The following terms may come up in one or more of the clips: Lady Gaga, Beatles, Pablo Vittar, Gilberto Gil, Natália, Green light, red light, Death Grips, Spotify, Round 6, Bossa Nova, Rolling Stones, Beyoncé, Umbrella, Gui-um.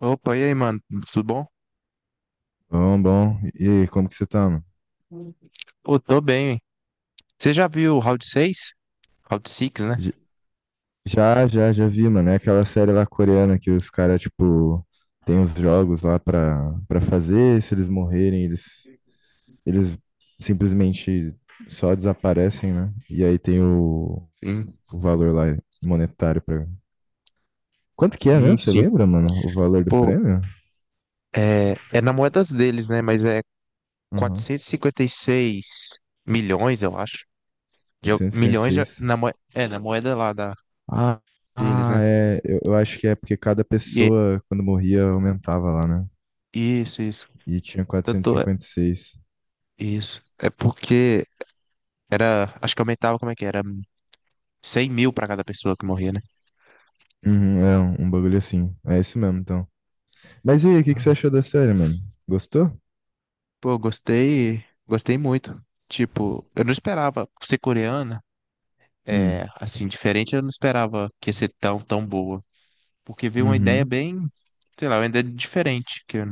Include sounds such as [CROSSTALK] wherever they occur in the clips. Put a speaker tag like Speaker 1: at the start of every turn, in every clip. Speaker 1: Opa, e aí, mano? Tudo bom?
Speaker 2: Bom, bom. E aí, como que você tá, mano?
Speaker 1: Pô, tô bem. Hein? Você já viu o Round 6? Round 6, né?
Speaker 2: J- já vi, mano. É aquela série lá coreana que os caras, tipo, tem os jogos lá pra fazer. Se eles morrerem, eles simplesmente só desaparecem, né? E aí tem o,
Speaker 1: Sim,
Speaker 2: o valor lá monetário pra. Quanto que é
Speaker 1: sim,
Speaker 2: mesmo? Você
Speaker 1: sim.
Speaker 2: lembra, mano? O valor do
Speaker 1: Pô,
Speaker 2: prêmio?
Speaker 1: é na moeda deles, né? Mas é
Speaker 2: Uhum.
Speaker 1: 456 milhões, eu acho. De, milhões
Speaker 2: 856.
Speaker 1: na moeda, é, na moeda lá da,
Speaker 2: Ah,
Speaker 1: deles,
Speaker 2: ah,
Speaker 1: né?
Speaker 2: é. Eu acho que é porque cada
Speaker 1: E, é,
Speaker 2: pessoa, quando morria, aumentava lá, né?
Speaker 1: isso, isso.
Speaker 2: E tinha
Speaker 1: Tanto é,
Speaker 2: 456.
Speaker 1: isso. É porque era, acho que aumentava, como é que era? 100 mil pra cada pessoa que morria, né?
Speaker 2: Uhum, é um bagulho assim. É isso mesmo, então. Mas e aí, o que que você achou da série, mano? Gostou?
Speaker 1: Pô, gostei, gostei muito. Tipo, eu não esperava ser coreana, é,
Speaker 2: Hum.
Speaker 1: assim, diferente, eu não esperava que ia ser tão, tão boa. Porque veio uma ideia
Speaker 2: Uhum.
Speaker 1: bem, sei lá, uma ideia diferente que eu,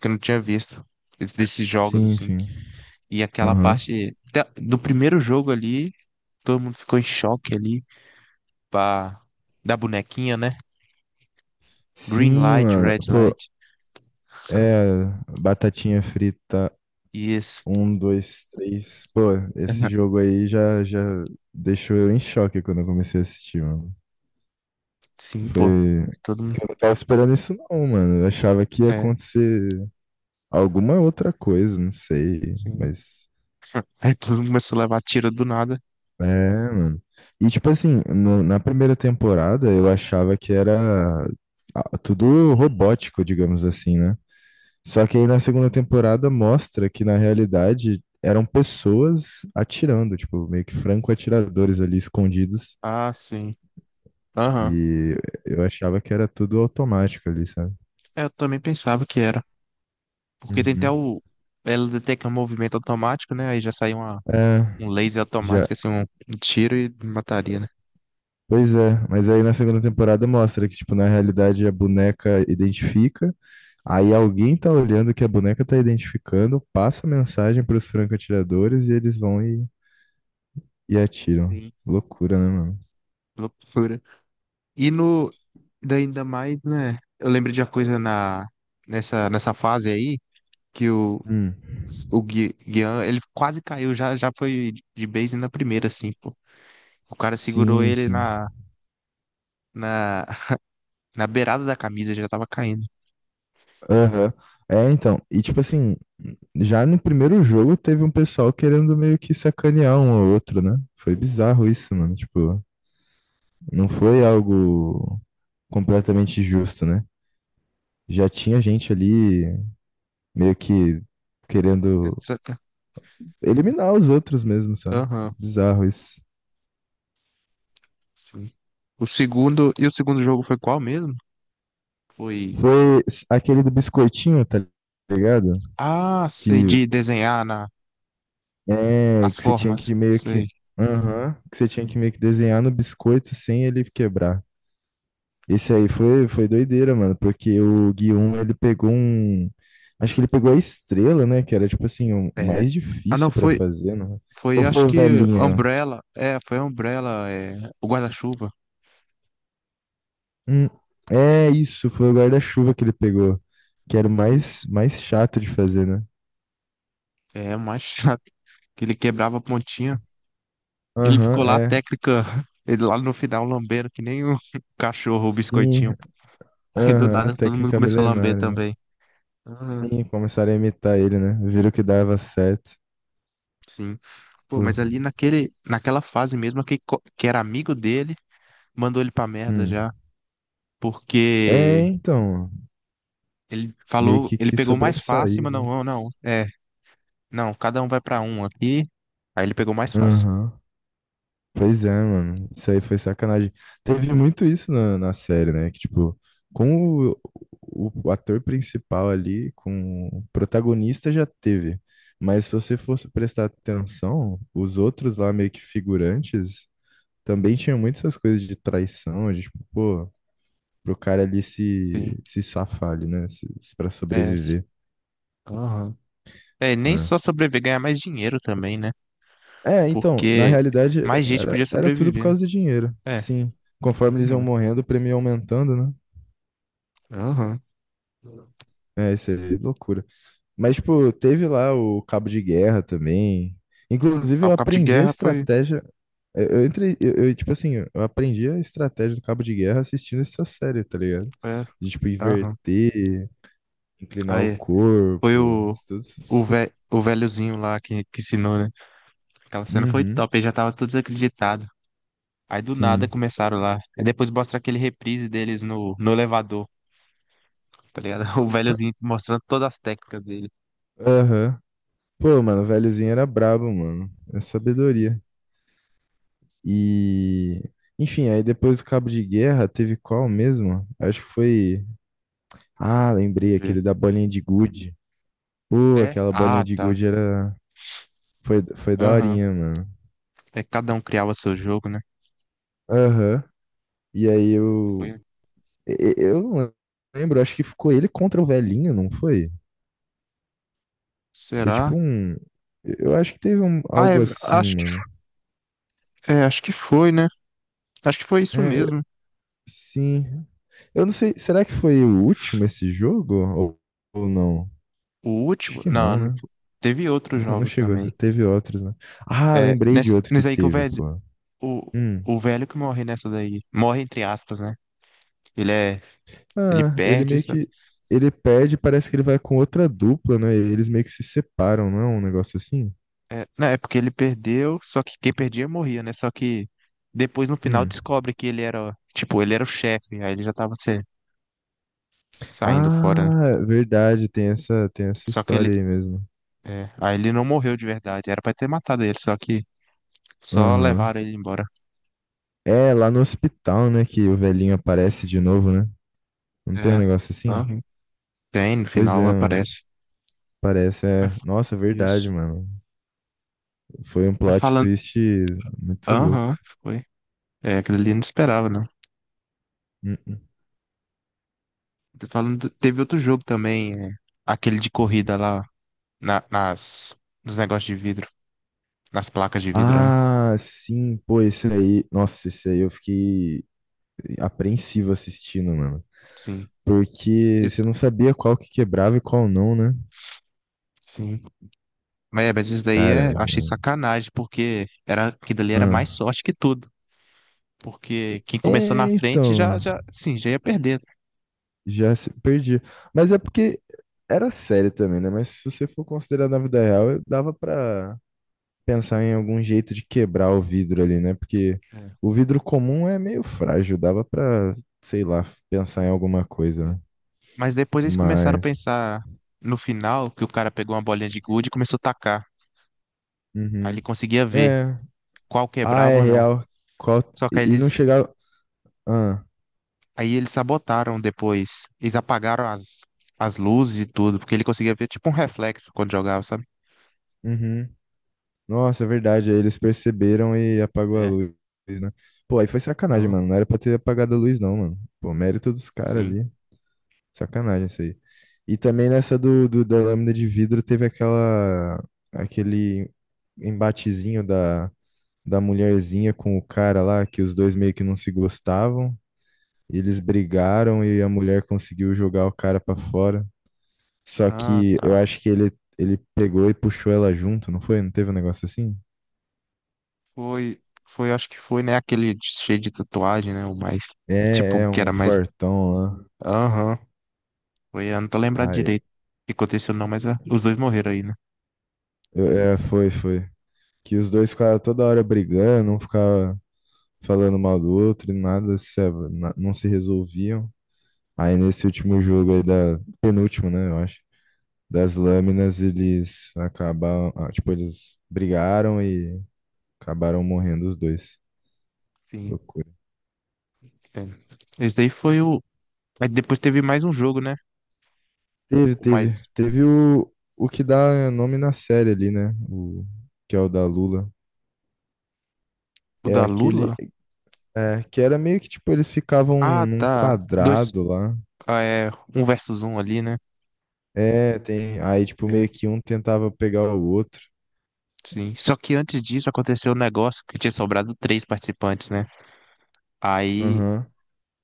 Speaker 1: que eu não tinha visto desses jogos,
Speaker 2: Sim,
Speaker 1: assim.
Speaker 2: sim.
Speaker 1: E aquela
Speaker 2: Aham.
Speaker 1: parte do primeiro jogo ali, todo mundo ficou em choque ali, pá, da bonequinha, né? Green
Speaker 2: Sim,
Speaker 1: light,
Speaker 2: mano.
Speaker 1: red
Speaker 2: Pô,
Speaker 1: light.
Speaker 2: é. Batatinha frita.
Speaker 1: Isso.
Speaker 2: Um, dois, três. Pô, esse
Speaker 1: [LAUGHS]
Speaker 2: jogo aí já deixou eu em choque quando eu comecei a assistir, mano.
Speaker 1: Sim, pô.
Speaker 2: Foi.
Speaker 1: Todo
Speaker 2: Que
Speaker 1: mundo.
Speaker 2: eu não tava esperando isso, não, mano. Eu achava que ia
Speaker 1: É,
Speaker 2: acontecer alguma outra coisa, não sei.
Speaker 1: sim.
Speaker 2: Mas.
Speaker 1: [LAUGHS] Aí todo mundo começou a levar tiro do nada.
Speaker 2: É, mano. E tipo assim, na primeira temporada eu achava que era tudo robótico, digamos assim, né? Só que aí na segunda temporada mostra que na realidade eram pessoas atirando, tipo, meio que franco-atiradores ali escondidos.
Speaker 1: Ah, sim. Aham.
Speaker 2: E eu achava que era tudo automático ali, sabe?
Speaker 1: É, eu também pensava que era. Porque tem até
Speaker 2: Uhum.
Speaker 1: o. Ela detecta um movimento automático, né? Aí já sai
Speaker 2: É,
Speaker 1: um laser
Speaker 2: já.
Speaker 1: automático, assim, um tiro e mataria, né?
Speaker 2: Pois é, mas aí na segunda temporada mostra que, tipo, na realidade a boneca identifica, aí alguém tá olhando o que a boneca tá identificando, passa a mensagem pros franco-atiradores e eles vão e atiram.
Speaker 1: Sim.
Speaker 2: Loucura, né, mano?
Speaker 1: Loucura. E no. Daí, ainda mais, né? Eu lembro de uma coisa nessa fase aí, que o,
Speaker 2: Hum.
Speaker 1: o Guian, ele quase caiu, já, já foi de base na primeira, assim, pô. O cara segurou
Speaker 2: Sim,
Speaker 1: ele
Speaker 2: sim.
Speaker 1: na, na beirada da camisa, já tava caindo.
Speaker 2: Aham. É, então, e tipo assim, já no primeiro jogo teve um pessoal querendo meio que sacanear um ao outro, né? Foi bizarro isso, mano. Tipo, não foi algo completamente justo, né? Já tinha gente ali meio que querendo eliminar os outros mesmo, sabe?
Speaker 1: Aham.
Speaker 2: Bizarro isso.
Speaker 1: Sim. O segundo jogo foi qual mesmo? Foi,
Speaker 2: Aquele do biscoitinho, tá ligado?
Speaker 1: ah, sei,
Speaker 2: Que
Speaker 1: de desenhar na,
Speaker 2: é
Speaker 1: as
Speaker 2: que você tinha
Speaker 1: formas,
Speaker 2: que meio
Speaker 1: sei.
Speaker 2: que. Aham, que você tinha que meio que desenhar no biscoito sem ele quebrar. Esse aí foi doideira, mano, porque o Gui um, ele pegou um. Acho que ele pegou a estrela, né? Que era tipo assim, o
Speaker 1: É,
Speaker 2: mais
Speaker 1: ah, não,
Speaker 2: difícil pra
Speaker 1: foi,
Speaker 2: fazer, né?
Speaker 1: foi,
Speaker 2: Ou
Speaker 1: acho
Speaker 2: foi o
Speaker 1: que
Speaker 2: velhinho?
Speaker 1: Umbrella, é, foi Umbrella, é, o guarda-chuva.
Speaker 2: Hum, é isso, foi o guarda-chuva que ele pegou, que era o mais,
Speaker 1: Isso.
Speaker 2: mais chato de fazer, né?
Speaker 1: É, o mais [LAUGHS] chato, que ele quebrava a pontinha. Ele
Speaker 2: Aham,
Speaker 1: ficou lá, a
Speaker 2: é.
Speaker 1: técnica, [LAUGHS] ele lá no final lambendo que nem o [LAUGHS] cachorro, o
Speaker 2: Sim,
Speaker 1: biscoitinho. Aí do
Speaker 2: aham, a
Speaker 1: nada todo mundo
Speaker 2: técnica
Speaker 1: começou a lamber
Speaker 2: milenária.
Speaker 1: também. Ah,
Speaker 2: Sim, começaram a imitar ele, né? Viram que dava certo.
Speaker 1: sim. Pô,
Speaker 2: Pô.
Speaker 1: mas ali naquela fase mesmo, que era amigo dele mandou ele pra merda
Speaker 2: Hum.
Speaker 1: já,
Speaker 2: É,
Speaker 1: porque
Speaker 2: então,
Speaker 1: ele
Speaker 2: meio
Speaker 1: falou,
Speaker 2: que
Speaker 1: ele
Speaker 2: quis
Speaker 1: pegou o mais fácil,
Speaker 2: sobressair,
Speaker 1: mas não,
Speaker 2: né?
Speaker 1: não, não, é, não, cada um vai pra um aqui, aí ele pegou o mais fácil.
Speaker 2: Aham. Pois é, mano. Isso aí foi sacanagem. Teve muito isso na série, né? Que, tipo, com o ator principal ali, com o protagonista já teve. Mas se você fosse prestar atenção, os outros lá, meio que figurantes, também tinham muitas essas coisas de traição, de, tipo, pô, pro cara ali
Speaker 1: Sim,
Speaker 2: se safar ali, né? Pra
Speaker 1: é,
Speaker 2: sobreviver.
Speaker 1: aham. É, nem
Speaker 2: Né?
Speaker 1: só sobreviver, ganhar mais dinheiro também, né?
Speaker 2: É, então, na
Speaker 1: Porque
Speaker 2: realidade,
Speaker 1: mais gente
Speaker 2: era,
Speaker 1: podia
Speaker 2: era tudo por
Speaker 1: sobreviver, né?
Speaker 2: causa do dinheiro.
Speaker 1: É,
Speaker 2: Sim. Conforme eles iam
Speaker 1: uhum,
Speaker 2: morrendo, o prêmio ia aumentando, né?
Speaker 1: aham.
Speaker 2: É, isso é loucura. Mas, tipo, teve lá o cabo de guerra também. Inclusive,
Speaker 1: Ah,
Speaker 2: eu
Speaker 1: o cabo de
Speaker 2: aprendi a
Speaker 1: guerra foi,
Speaker 2: estratégia. Eu entrei, eu, tipo assim, eu aprendi a estratégia do cabo de guerra assistindo essa série, tá ligado?
Speaker 1: é,
Speaker 2: De, tipo,
Speaker 1: aham.
Speaker 2: inverter, inclinar o
Speaker 1: Aí, foi
Speaker 2: corpo,
Speaker 1: o,
Speaker 2: tudo
Speaker 1: o,
Speaker 2: isso.
Speaker 1: ve, o velhozinho lá que ensinou, né? Aquela cena foi
Speaker 2: Uhum,
Speaker 1: top, ele já tava todo desacreditado. Aí do nada
Speaker 2: sim.
Speaker 1: começaram lá. Aí depois mostra aquele reprise deles no elevador, tá ligado? [LAUGHS] O
Speaker 2: Ah,
Speaker 1: velhozinho mostrando todas as técnicas dele.
Speaker 2: Aham. Pô, mano, o velhozinho era brabo, mano. É
Speaker 1: Sim,
Speaker 2: sabedoria. E, enfim, aí depois do cabo de guerra, teve qual mesmo? Acho que foi. Ah,
Speaker 1: deixa eu
Speaker 2: lembrei,
Speaker 1: ver.
Speaker 2: aquele da bolinha de gude. Pô,
Speaker 1: É?
Speaker 2: aquela bolinha
Speaker 1: Ah,
Speaker 2: de
Speaker 1: tá.
Speaker 2: gude era... Foi
Speaker 1: Aham.
Speaker 2: daorinha, mano.
Speaker 1: É que cada um criava seu jogo, né?
Speaker 2: Aham. E aí
Speaker 1: Foi.
Speaker 2: eu... Eu não lembro, acho que ficou ele contra o velhinho, não foi? Foi tipo
Speaker 1: Será?
Speaker 2: um... Eu acho que teve
Speaker 1: Ah,
Speaker 2: algo assim,
Speaker 1: acho que,
Speaker 2: mano.
Speaker 1: é, acho que foi, né? Acho que foi isso
Speaker 2: É,
Speaker 1: mesmo.
Speaker 2: sim. Eu não sei, será que foi o último esse jogo? Ou não?
Speaker 1: O
Speaker 2: Acho
Speaker 1: último?
Speaker 2: que
Speaker 1: Não,
Speaker 2: não,
Speaker 1: não
Speaker 2: né?
Speaker 1: foi. Teve outros
Speaker 2: Não, não
Speaker 1: jogos
Speaker 2: chegou.
Speaker 1: também.
Speaker 2: Teve outros, né? Ah,
Speaker 1: É,
Speaker 2: lembrei de
Speaker 1: nessa,
Speaker 2: outro que
Speaker 1: nessa aí que o
Speaker 2: teve,
Speaker 1: velho,
Speaker 2: pô.
Speaker 1: o,
Speaker 2: Hum.
Speaker 1: o velho que morre nessa daí. Morre entre aspas, né? Ele é, ele
Speaker 2: Ah, ele
Speaker 1: perde.
Speaker 2: meio que. Ele pede, parece que ele vai com outra dupla, né? Eles meio que se separam, não é um negócio assim?
Speaker 1: É, não, é porque ele perdeu, só que quem perdia morria, né? Só que depois no final
Speaker 2: Hum.
Speaker 1: descobre que ele era, tipo, ele era o chefe, aí ele já tava saindo fora, né?
Speaker 2: Ah, verdade, tem essa
Speaker 1: Só que ele,
Speaker 2: história aí mesmo.
Speaker 1: é, aí ele não morreu de verdade, era pra ter matado ele, só que só
Speaker 2: Aham.
Speaker 1: levaram ele embora.
Speaker 2: É, lá no hospital, né, que o velhinho aparece de novo, né? Não tem um
Speaker 1: É,
Speaker 2: negócio assim?
Speaker 1: aham. Tem, no
Speaker 2: Pois
Speaker 1: final
Speaker 2: é, mano.
Speaker 1: aparece.
Speaker 2: Parece,
Speaker 1: Mas
Speaker 2: é.
Speaker 1: fa-
Speaker 2: Nossa, verdade,
Speaker 1: Isso.
Speaker 2: mano. Foi um
Speaker 1: Mas
Speaker 2: plot
Speaker 1: falando,
Speaker 2: twist muito louco.
Speaker 1: aham, foi. É, aquele ali eu não esperava, não.
Speaker 2: Hum, hum.
Speaker 1: Tô falando, teve outro jogo também, é, aquele de corrida lá, na- nas, nos negócios de vidro, nas placas de vidro, né?
Speaker 2: Ah, sim, pô, esse aí. Nossa, esse aí eu fiquei apreensivo assistindo, mano.
Speaker 1: Sim.
Speaker 2: Porque você
Speaker 1: Isso-
Speaker 2: não sabia qual que quebrava e qual não, né?
Speaker 1: Sim. Mas isso daí é,
Speaker 2: Cara,
Speaker 1: eu achei sacanagem, porque era, aquilo ali era
Speaker 2: ah.
Speaker 1: mais sorte que tudo. Porque quem começou na
Speaker 2: É,
Speaker 1: frente já,
Speaker 2: então,
Speaker 1: já, sim, já ia perder.
Speaker 2: já perdi. Mas é porque era sério também, né? Mas se você for considerar na vida real, eu dava pra pensar em algum jeito de quebrar o vidro ali, né? Porque
Speaker 1: É,
Speaker 2: o vidro comum é meio frágil, dava pra, sei lá, pensar em
Speaker 1: sim,
Speaker 2: alguma
Speaker 1: é.
Speaker 2: coisa, né?
Speaker 1: Mas depois eles começaram a
Speaker 2: Mas,
Speaker 1: pensar no final, que o cara pegou uma bolinha de gude e começou a tacar. Aí ele
Speaker 2: uhum.
Speaker 1: conseguia ver
Speaker 2: É,
Speaker 1: qual
Speaker 2: é
Speaker 1: quebrava ou não.
Speaker 2: real. Qual...
Speaker 1: Só que
Speaker 2: E
Speaker 1: aí
Speaker 2: e não
Speaker 1: eles,
Speaker 2: chegava. Ah,
Speaker 1: aí eles sabotaram depois. Eles apagaram as luzes e tudo, porque ele conseguia ver tipo um reflexo quando jogava, sabe?
Speaker 2: uhum. Nossa, é verdade. Aí eles perceberam e apagou a
Speaker 1: É,
Speaker 2: luz, né? Pô, aí foi sacanagem,
Speaker 1: então,
Speaker 2: mano. Não era pra ter apagado a luz, não, mano. Pô, mérito dos caras
Speaker 1: sim.
Speaker 2: ali. Sacanagem isso aí. E também nessa da lâmina de vidro teve aquele embatezinho da mulherzinha com o cara lá, que os dois meio que não se gostavam. E eles brigaram e a mulher conseguiu jogar o cara pra fora. Só
Speaker 1: Ah,
Speaker 2: que
Speaker 1: tá.
Speaker 2: eu acho que ele pegou e puxou ela junto, não foi? Não teve um negócio assim?
Speaker 1: Foi, foi, acho que foi, né? Aquele cheio de tatuagem, né? O mais, tipo,
Speaker 2: É
Speaker 1: que
Speaker 2: um
Speaker 1: era mais.
Speaker 2: fortão lá.
Speaker 1: Aham, foi, eu não tô lembrado
Speaker 2: Aí,
Speaker 1: direito o que aconteceu, não, mas ah, os dois morreram aí, né?
Speaker 2: é, foi. Que os dois ficaram toda hora brigando, um ficava falando mal do outro, e nada se, na- não se resolviam. Aí nesse último jogo aí penúltimo, né, eu acho, das lâminas, eles acabaram, tipo, eles brigaram e acabaram morrendo os dois.
Speaker 1: Sim,
Speaker 2: Loucura.
Speaker 1: é. Esse daí foi o. Aí depois teve mais um jogo, né?
Speaker 2: Teve,
Speaker 1: O
Speaker 2: teve,
Speaker 1: mais.
Speaker 2: teve o que dá nome na série ali, né, que é o da Lula.
Speaker 1: O
Speaker 2: É
Speaker 1: da
Speaker 2: aquele
Speaker 1: Lula?
Speaker 2: É, que era meio que, tipo, eles ficavam
Speaker 1: Ah,
Speaker 2: num
Speaker 1: tá. Dois.
Speaker 2: quadrado lá.
Speaker 1: Ah, é. Um versus um ali, né?
Speaker 2: É, tem. Aí, tipo,
Speaker 1: É.
Speaker 2: meio que um tentava pegar o outro.
Speaker 1: Sim. Só que antes disso aconteceu um negócio que tinha sobrado três participantes, né? Aí,
Speaker 2: Aham.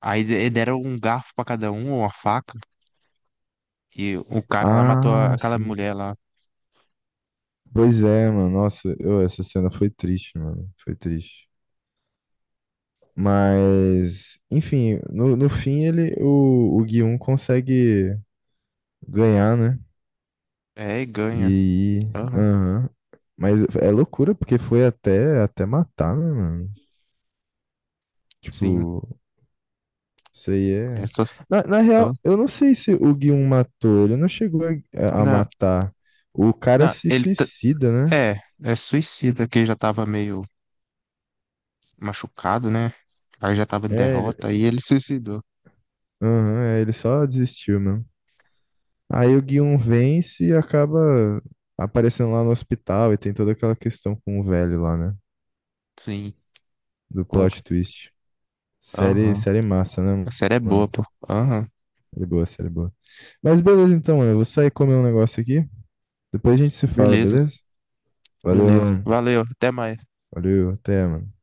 Speaker 1: aí deram um garfo pra cada um, uma faca, e o cara lá matou
Speaker 2: Ah,
Speaker 1: aquela
Speaker 2: sim.
Speaker 1: mulher lá.
Speaker 2: Pois é, mano. Nossa, essa cena foi triste, mano. Foi triste. Mas, enfim, no fim o Gui um consegue ganhar, né?
Speaker 1: É, e
Speaker 2: E
Speaker 1: ganha.
Speaker 2: aí.
Speaker 1: Aham,
Speaker 2: Aham. Mas é loucura, porque foi até matar, né, mano?
Speaker 1: sim.
Speaker 2: Tipo, isso aí
Speaker 1: É,
Speaker 2: é.
Speaker 1: só...
Speaker 2: Na
Speaker 1: Hã?
Speaker 2: real, eu não sei se o Guion matou. Ele não chegou a
Speaker 1: Não,
Speaker 2: matar. O cara
Speaker 1: não,
Speaker 2: se suicida, né?
Speaker 1: é, é suicida, que ele já tava meio machucado, né? Aí já tava em
Speaker 2: É, ele.
Speaker 1: derrota, aí ele suicidou.
Speaker 2: Aham, é, ele só desistiu, mano. Aí o Guion vence e acaba aparecendo lá no hospital e tem toda aquela questão com o velho lá, né?
Speaker 1: Sim.
Speaker 2: Do
Speaker 1: Pô,
Speaker 2: plot twist. Série,
Speaker 1: aham.
Speaker 2: série massa,
Speaker 1: A
Speaker 2: né,
Speaker 1: série é
Speaker 2: mano?
Speaker 1: boa, pô. Aham.
Speaker 2: Série boa, série boa. Mas beleza então, mano. Eu vou sair comer um negócio aqui. Depois a gente se fala,
Speaker 1: Beleza,
Speaker 2: beleza? Valeu,
Speaker 1: beleza.
Speaker 2: mano.
Speaker 1: Valeu, até mais.
Speaker 2: Valeu, até, mano.